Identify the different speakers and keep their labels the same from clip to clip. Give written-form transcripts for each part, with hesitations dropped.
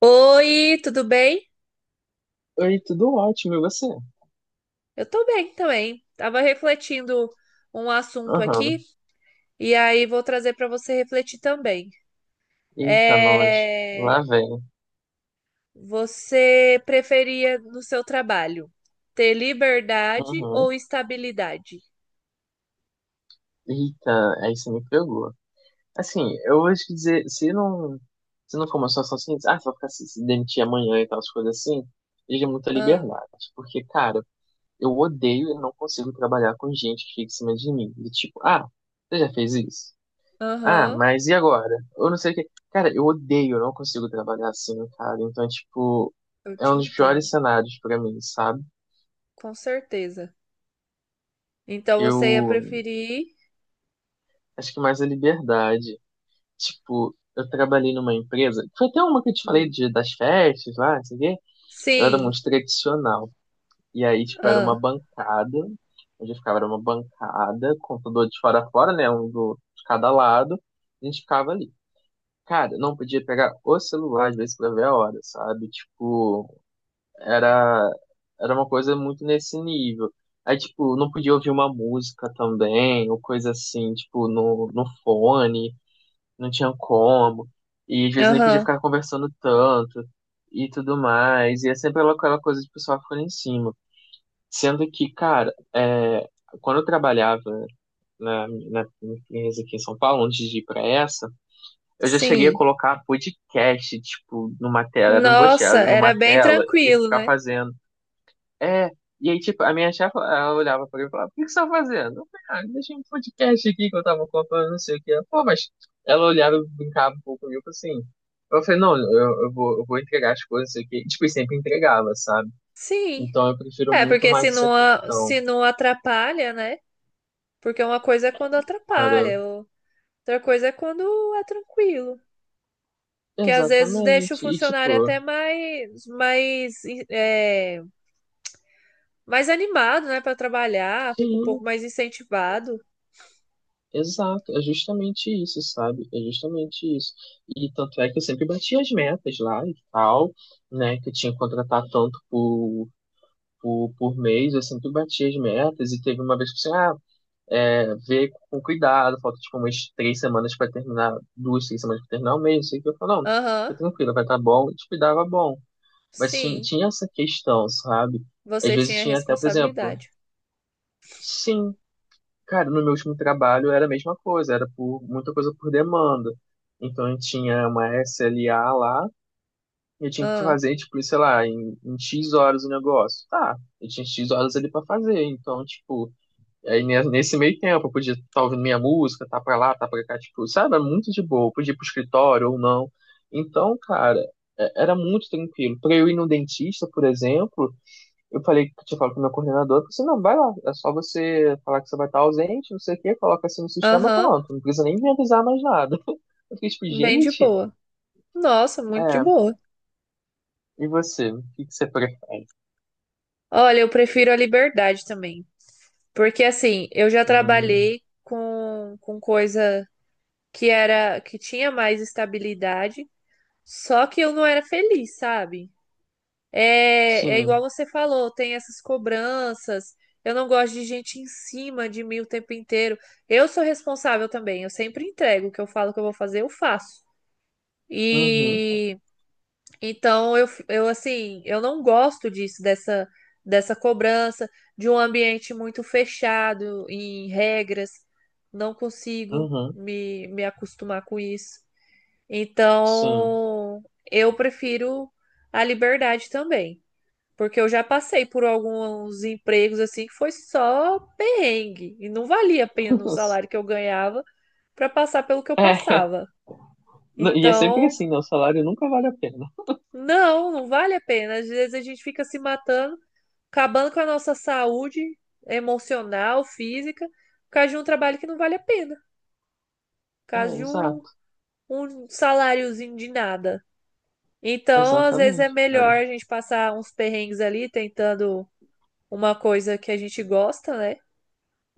Speaker 1: Oi, tudo bem?
Speaker 2: Oi, tudo ótimo, e você?
Speaker 1: Eu tô bem também. Tava refletindo um assunto aqui
Speaker 2: Aham.
Speaker 1: e aí vou trazer para você refletir também.
Speaker 2: Eita, nós.
Speaker 1: É...
Speaker 2: Lá vem.
Speaker 1: Você preferia no seu trabalho ter liberdade
Speaker 2: Uhum.
Speaker 1: ou estabilidade?
Speaker 2: Eita, aí você me pegou. Assim, eu vou te dizer, se não for uma situação assim, ah, você vai ficar se demitir amanhã e tal, as coisas assim, exige muita
Speaker 1: Ah,
Speaker 2: liberdade. Porque, cara, eu odeio e não consigo trabalhar com gente que fica em cima de mim. Do tipo, ah, você já fez isso? Ah,
Speaker 1: aham,
Speaker 2: mas e agora? Eu não sei o que. Cara, eu odeio, eu não consigo trabalhar assim, cara. Então, é, tipo,
Speaker 1: eu
Speaker 2: é um
Speaker 1: te
Speaker 2: dos piores
Speaker 1: entendo,
Speaker 2: cenários pra mim, sabe?
Speaker 1: com certeza. Então você ia
Speaker 2: Eu
Speaker 1: preferir?
Speaker 2: acho que mais a liberdade. Tipo, eu trabalhei numa empresa, foi até uma que eu te falei
Speaker 1: Hum,
Speaker 2: de, das festas lá, não sei o quê. Ela era
Speaker 1: Sim,
Speaker 2: muito tradicional. E aí, tipo, era
Speaker 1: ah,
Speaker 2: uma bancada, onde eu ficava, era uma bancada, computador de fora a fora, né? Um do, de cada lado. A gente ficava ali. Cara, não podia pegar o celular, às vezes, pra ver a hora, sabe? Tipo, era era uma coisa muito nesse nível. Aí, tipo, não podia ouvir uma música também, ou coisa assim, tipo, no fone, não tinha como. E às vezes nem podia
Speaker 1: aham,
Speaker 2: ficar conversando tanto e tudo mais. E é sempre aquela coisa de pessoal ficar em cima. Sendo que, cara, é, quando eu trabalhava na minha empresa aqui em São Paulo, antes de ir pra essa, eu já cheguei a
Speaker 1: sim.
Speaker 2: colocar podcast, tipo, numa tela, eram duas
Speaker 1: Nossa,
Speaker 2: telas,
Speaker 1: era
Speaker 2: numa
Speaker 1: bem
Speaker 2: tela, e
Speaker 1: tranquilo,
Speaker 2: ficar
Speaker 1: né?
Speaker 2: fazendo. É, e aí, tipo, a minha chefe, ela olhava pra mim e falava, o que que você tá fazendo? Eu falei, ah, deixei um podcast aqui que eu tava contando, não sei o que. Ela, Pô, mas ela olhava, e brincava um pouco comigo, assim. Eu falei, não, eu vou entregar as coisas aqui. Tipo, e sempre entregava, sabe?
Speaker 1: Sim.
Speaker 2: Então eu prefiro
Speaker 1: É,
Speaker 2: muito
Speaker 1: porque
Speaker 2: mais
Speaker 1: se
Speaker 2: essa
Speaker 1: não,
Speaker 2: questão,
Speaker 1: se não atrapalha, né? Porque uma coisa é quando
Speaker 2: cara.
Speaker 1: atrapalha, outra coisa é quando é tranquilo. Que às vezes deixa o
Speaker 2: Exatamente. E,
Speaker 1: funcionário
Speaker 2: tipo,
Speaker 1: até mais, é, mais animado, né, para trabalhar, fica um
Speaker 2: sim,
Speaker 1: pouco mais incentivado.
Speaker 2: exato. É justamente isso, sabe? É justamente isso. E tanto é que eu sempre bati as metas lá e tal, né? Que eu tinha que contratar tanto por mês, eu sempre bati as metas e teve uma vez que assim, ah, é, ver com cuidado, falta tipo umas 3 semanas para terminar, duas, três semanas para terminar o mês, sei que eu falo, não,
Speaker 1: Aham,
Speaker 2: fica tranquilo, vai estar bom, e tipo, dava bom. Mas tinha,
Speaker 1: sim,
Speaker 2: tinha essa questão, sabe? Às
Speaker 1: você
Speaker 2: vezes
Speaker 1: tinha
Speaker 2: tinha até, por exemplo,
Speaker 1: responsabilidade.
Speaker 2: sim, cara, no meu último trabalho era a mesma coisa, era por muita coisa por demanda. Então eu tinha uma SLA lá, e eu tinha que
Speaker 1: Ah,
Speaker 2: fazer, tipo, sei lá, em X horas o negócio. Tá, eu tinha X horas ali pra fazer, então, tipo, aí nesse meio tempo eu podia estar ouvindo minha música, tá pra lá, tá pra cá, tipo, sabe? Era muito de boa. Eu podia ir pro escritório ou não. Então, cara, era muito tranquilo. Pra eu ir no dentista, por exemplo, eu falei, tinha falado com o meu coordenador, eu falei assim, não, vai lá, é só você falar que você vai estar ausente, não sei o quê, coloca assim no sistema,
Speaker 1: aham,
Speaker 2: pronto. Não precisa nem me avisar mais nada. Eu fiquei tipo,
Speaker 1: bem de
Speaker 2: gente,
Speaker 1: boa. Nossa, muito de
Speaker 2: é,
Speaker 1: boa.
Speaker 2: e você? O que que você prefere?
Speaker 1: Olha, eu prefiro a liberdade também. Porque assim, eu já
Speaker 2: Hum,
Speaker 1: trabalhei com coisa que era que tinha mais estabilidade, só que eu não era feliz, sabe? É, igual
Speaker 2: sim.
Speaker 1: você falou, tem essas cobranças. Eu não gosto de gente em cima de mim o tempo inteiro. Eu sou responsável também, eu sempre entrego o que eu falo que eu vou fazer, eu faço.
Speaker 2: Uhum,
Speaker 1: E então, eu assim, eu não gosto disso, dessa cobrança, de um ambiente muito fechado em regras. Não consigo
Speaker 2: uhum,
Speaker 1: me acostumar com isso.
Speaker 2: sim.
Speaker 1: Então, eu prefiro a liberdade também. Porque eu já passei por alguns empregos assim que foi só perrengue. E não valia a pena o salário que eu ganhava para passar pelo que eu
Speaker 2: É.
Speaker 1: passava.
Speaker 2: Não. E é sempre
Speaker 1: Então,
Speaker 2: assim, né? O salário nunca vale a pena.
Speaker 1: não, não vale a pena. Às vezes a gente fica se matando acabando com a nossa saúde emocional, física, por causa de um trabalho que não vale a pena, por
Speaker 2: É,
Speaker 1: causa de um,
Speaker 2: exato.
Speaker 1: um saláriozinho de nada. Então, às vezes é
Speaker 2: Exatamente, cara.
Speaker 1: melhor a gente passar uns perrengues ali tentando uma coisa que a gente gosta, né?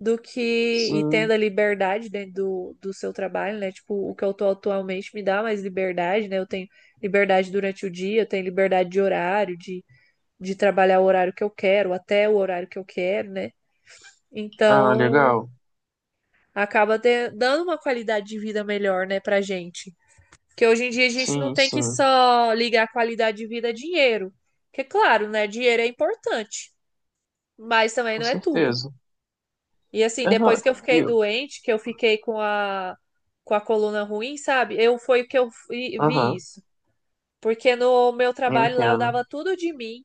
Speaker 1: Do que e tendo
Speaker 2: Sim.
Speaker 1: a liberdade dentro do seu trabalho, né? Tipo, o que eu tô atualmente me dá mais liberdade, né? Eu tenho liberdade durante o dia, eu tenho liberdade de horário, de trabalhar o horário que eu quero, até o horário que eu quero, né?
Speaker 2: Ah,
Speaker 1: Então,
Speaker 2: legal.
Speaker 1: acaba dando uma qualidade de vida melhor, né, pra gente. Porque hoje em dia a gente não
Speaker 2: Sim,
Speaker 1: tem que
Speaker 2: sim.
Speaker 1: só ligar a qualidade de vida a dinheiro. Porque, claro, né, dinheiro é importante, mas também
Speaker 2: Com
Speaker 1: não é tudo.
Speaker 2: certeza.
Speaker 1: E assim,
Speaker 2: Eu não.
Speaker 1: depois que eu fiquei
Speaker 2: Eu.
Speaker 1: doente, que eu fiquei com a coluna ruim, sabe? Eu foi que eu vi
Speaker 2: Aham,
Speaker 1: isso. Porque no meu
Speaker 2: eu
Speaker 1: trabalho lá eu
Speaker 2: entendo.
Speaker 1: dava tudo de mim,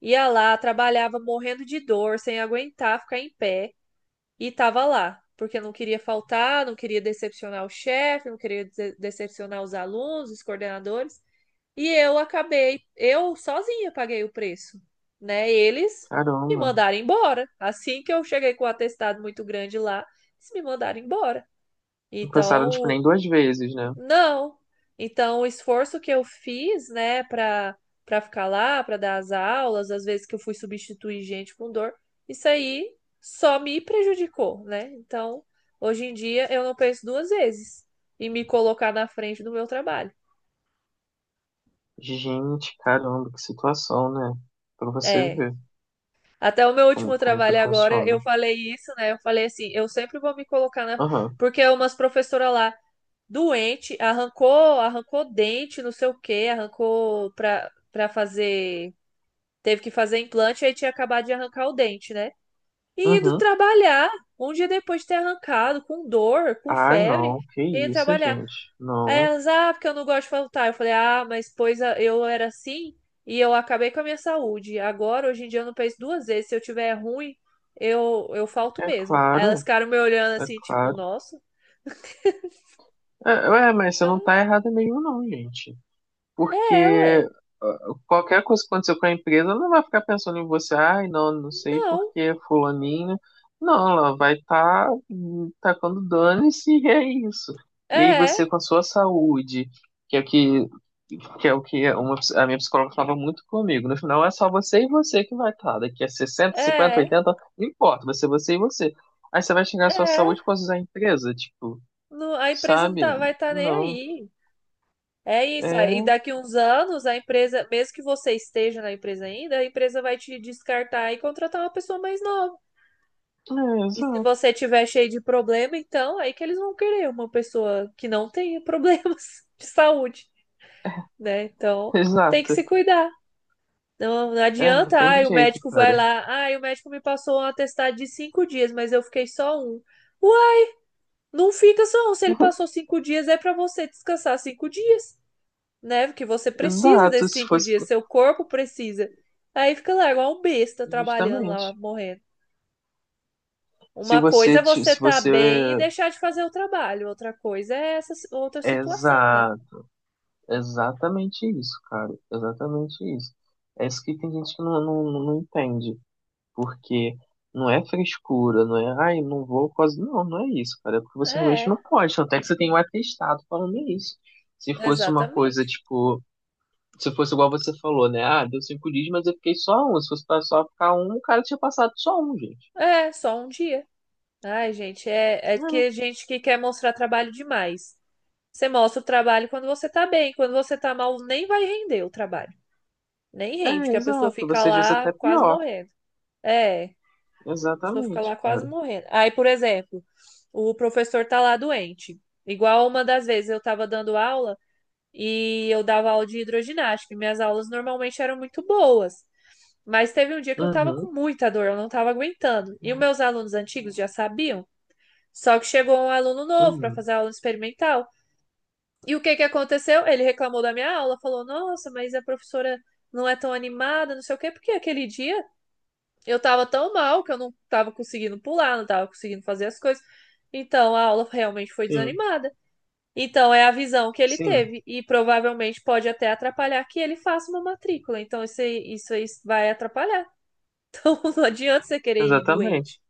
Speaker 1: ia lá, trabalhava morrendo de dor, sem aguentar ficar em pé. E tava lá, porque eu não queria faltar, não queria decepcionar o chefe, não queria decepcionar os alunos, os coordenadores. E eu acabei, eu sozinha paguei o preço, né? Eles me
Speaker 2: Caramba.
Speaker 1: mandaram embora. Assim que eu cheguei com o atestado muito grande lá, eles me mandaram embora.
Speaker 2: Não pensaram, tipo,
Speaker 1: Então,
Speaker 2: nem duas vezes, né?
Speaker 1: não. Então, o esforço que eu fiz, né, para ficar lá, para dar as aulas, às vezes que eu fui substituir gente com dor, isso aí só me prejudicou, né? Então, hoje em dia eu não penso duas vezes em me colocar na frente do meu trabalho.
Speaker 2: Gente, caramba, que situação, né? Pra você
Speaker 1: É.
Speaker 2: ver
Speaker 1: Até o meu último
Speaker 2: como que
Speaker 1: trabalho agora,
Speaker 2: funciona.
Speaker 1: eu falei isso, né? Eu falei assim, eu sempre vou me colocar na
Speaker 2: Aham.
Speaker 1: porque umas professora lá doente, arrancou dente, não sei o quê, arrancou para fazer. Teve que fazer implante, aí tinha acabado de arrancar o dente, né? E indo
Speaker 2: Uhum.
Speaker 1: trabalhar, um dia depois de ter arrancado, com dor, com
Speaker 2: Ah,
Speaker 1: febre,
Speaker 2: não. Que
Speaker 1: e indo
Speaker 2: isso,
Speaker 1: trabalhar.
Speaker 2: gente.
Speaker 1: Aí
Speaker 2: Não.
Speaker 1: elas, ah, porque eu não gosto de faltar. Eu falei, ah, mas pois eu era assim e eu acabei com a minha saúde. Agora, hoje em dia, eu não penso duas vezes. Se eu tiver ruim, eu falto
Speaker 2: É
Speaker 1: mesmo. Aí elas
Speaker 2: claro.
Speaker 1: ficaram me olhando
Speaker 2: É
Speaker 1: assim, tipo,
Speaker 2: claro.
Speaker 1: nossa,
Speaker 2: É, ué, mas você
Speaker 1: eu
Speaker 2: não tá errada mesmo, não, gente.
Speaker 1: é,
Speaker 2: Porque
Speaker 1: ué.
Speaker 2: ah, qualquer coisa que acontecer com a empresa ela não vai ficar pensando em você, ai, não, não sei
Speaker 1: Não,
Speaker 2: porque fulaninho. Não, ela vai estar tá, tacando dane-se e é isso. E aí você
Speaker 1: é,
Speaker 2: com a sua saúde, que é o que uma, a minha psicóloga falava muito comigo. No final é só você e você que vai estar. Daqui a 60, 50,
Speaker 1: é,
Speaker 2: 80, não importa, vai ser você e você. Aí você vai chegar à sua
Speaker 1: é.
Speaker 2: saúde com a empresa, tipo,
Speaker 1: Não, a empresa não
Speaker 2: sabe?
Speaker 1: tá, vai estar nem
Speaker 2: Não.
Speaker 1: aí. É isso, aí
Speaker 2: É,
Speaker 1: daqui uns anos a empresa, mesmo que você esteja na empresa ainda, a empresa vai te descartar e contratar uma pessoa mais nova.
Speaker 2: é
Speaker 1: E se
Speaker 2: exato,
Speaker 1: você tiver cheio de problema, então aí que eles vão querer uma pessoa que não tenha problemas de saúde, né? Então tem que
Speaker 2: exato.
Speaker 1: se cuidar. Não, não
Speaker 2: É, não
Speaker 1: adianta,
Speaker 2: tem
Speaker 1: ai, o
Speaker 2: jeito,
Speaker 1: médico
Speaker 2: cara.
Speaker 1: vai lá, ai, o médico me passou um atestado de cinco dias, mas eu fiquei só um. Ué, não fica só um, se ele passou cinco dias, é pra você descansar cinco dias. Né? Porque você precisa
Speaker 2: Exato,
Speaker 1: desses
Speaker 2: se
Speaker 1: cinco
Speaker 2: fosse
Speaker 1: dias,
Speaker 2: pro-
Speaker 1: seu corpo precisa. Aí fica lá, igual um besta, trabalhando lá,
Speaker 2: justamente.
Speaker 1: morrendo.
Speaker 2: Se
Speaker 1: Uma coisa
Speaker 2: você,
Speaker 1: é
Speaker 2: ti-
Speaker 1: você
Speaker 2: se
Speaker 1: tá
Speaker 2: você
Speaker 1: bem e deixar de fazer o trabalho, outra coisa é essa outra
Speaker 2: é
Speaker 1: situação, né?
Speaker 2: exa, exatamente isso, cara, exatamente isso. É isso que tem gente que não entende, porque não é frescura, não é, ai, não vou quase, não, não é isso, cara, é porque você realmente
Speaker 1: É,
Speaker 2: não pode, tanto é que você tem um atestado falando isso. Se fosse uma coisa,
Speaker 1: exatamente.
Speaker 2: tipo, se fosse igual você falou, né, ah, deu 5 dias, mas eu fiquei só um, se fosse pra só ficar um, o cara tinha passado só um, gente.
Speaker 1: É, só um dia. Ai, gente, é, que
Speaker 2: É.
Speaker 1: gente que quer mostrar trabalho demais. Você mostra o trabalho quando você tá bem, quando você tá mal, nem vai render o trabalho. Nem rende,
Speaker 2: É,
Speaker 1: que a pessoa
Speaker 2: exato.
Speaker 1: fica
Speaker 2: Você diz
Speaker 1: lá
Speaker 2: até
Speaker 1: quase
Speaker 2: pior.
Speaker 1: morrendo. É. Pessoa fica
Speaker 2: Exatamente,
Speaker 1: lá quase
Speaker 2: cara.
Speaker 1: morrendo. Aí, por exemplo, o professor tá lá doente. Igual uma das vezes eu tava dando aula e eu dava aula de hidroginástica. E minhas aulas normalmente eram muito boas. Mas teve um dia que eu tava
Speaker 2: Uhum,
Speaker 1: com muita dor, eu não tava aguentando. E os meus alunos antigos já sabiam. Só que chegou um aluno novo para
Speaker 2: uhum.
Speaker 1: fazer a aula experimental. E o que que aconteceu? Ele reclamou da minha aula, falou: "Nossa, mas a professora não é tão animada, não sei o quê, porque aquele dia eu tava tão mal que eu não tava conseguindo pular, não tava conseguindo fazer as coisas. Então a aula realmente foi
Speaker 2: Sim,
Speaker 1: desanimada. Então é a visão que ele
Speaker 2: sim.
Speaker 1: teve e provavelmente pode até atrapalhar que ele faça uma matrícula. Então isso aí vai atrapalhar. Não adianta você querer ir doente.
Speaker 2: Exatamente.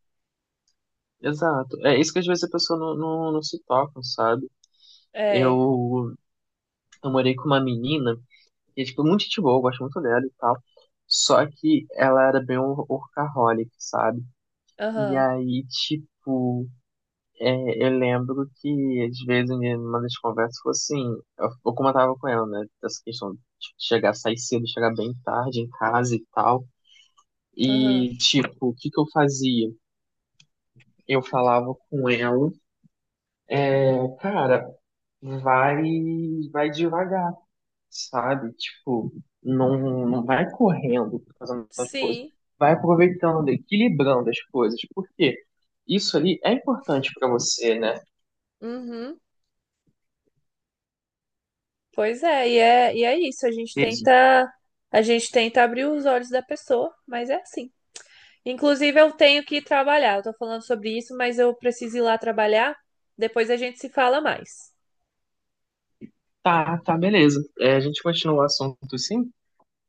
Speaker 2: Exato. É isso que às vezes a pessoa não se toca, sabe?
Speaker 1: É,
Speaker 2: Eu, eu morei com uma menina, que é, tipo, muito gente boa, eu gosto muito dela e tal. Só que ela era bem workaholic, sabe? E
Speaker 1: aham,
Speaker 2: aí, tipo, é, eu lembro que, às vezes, em uma das conversas foi assim, eu comentava com ela, né, dessa questão de chegar, sair cedo, chegar bem tarde em casa e tal.
Speaker 1: aham.
Speaker 2: E, tipo, o que que eu fazia? Eu falava com ela, "É, cara, vai, vai, devagar, sabe? Tipo, não vai correndo, fazendo as coisas.
Speaker 1: Sim,
Speaker 2: Vai aproveitando, equilibrando as coisas, porque isso ali é importante pra você, né?
Speaker 1: uhum. Pois é, e é isso. A gente tenta abrir os olhos da pessoa, mas é assim. Inclusive, eu tenho que ir trabalhar. Eu tô falando sobre isso, mas eu preciso ir lá trabalhar. Depois a gente se fala mais.
Speaker 2: Tá, tá, beleza. É, a gente continua o assunto sim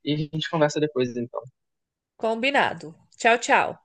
Speaker 2: e a gente conversa depois, então.
Speaker 1: Combinado. Tchau, tchau.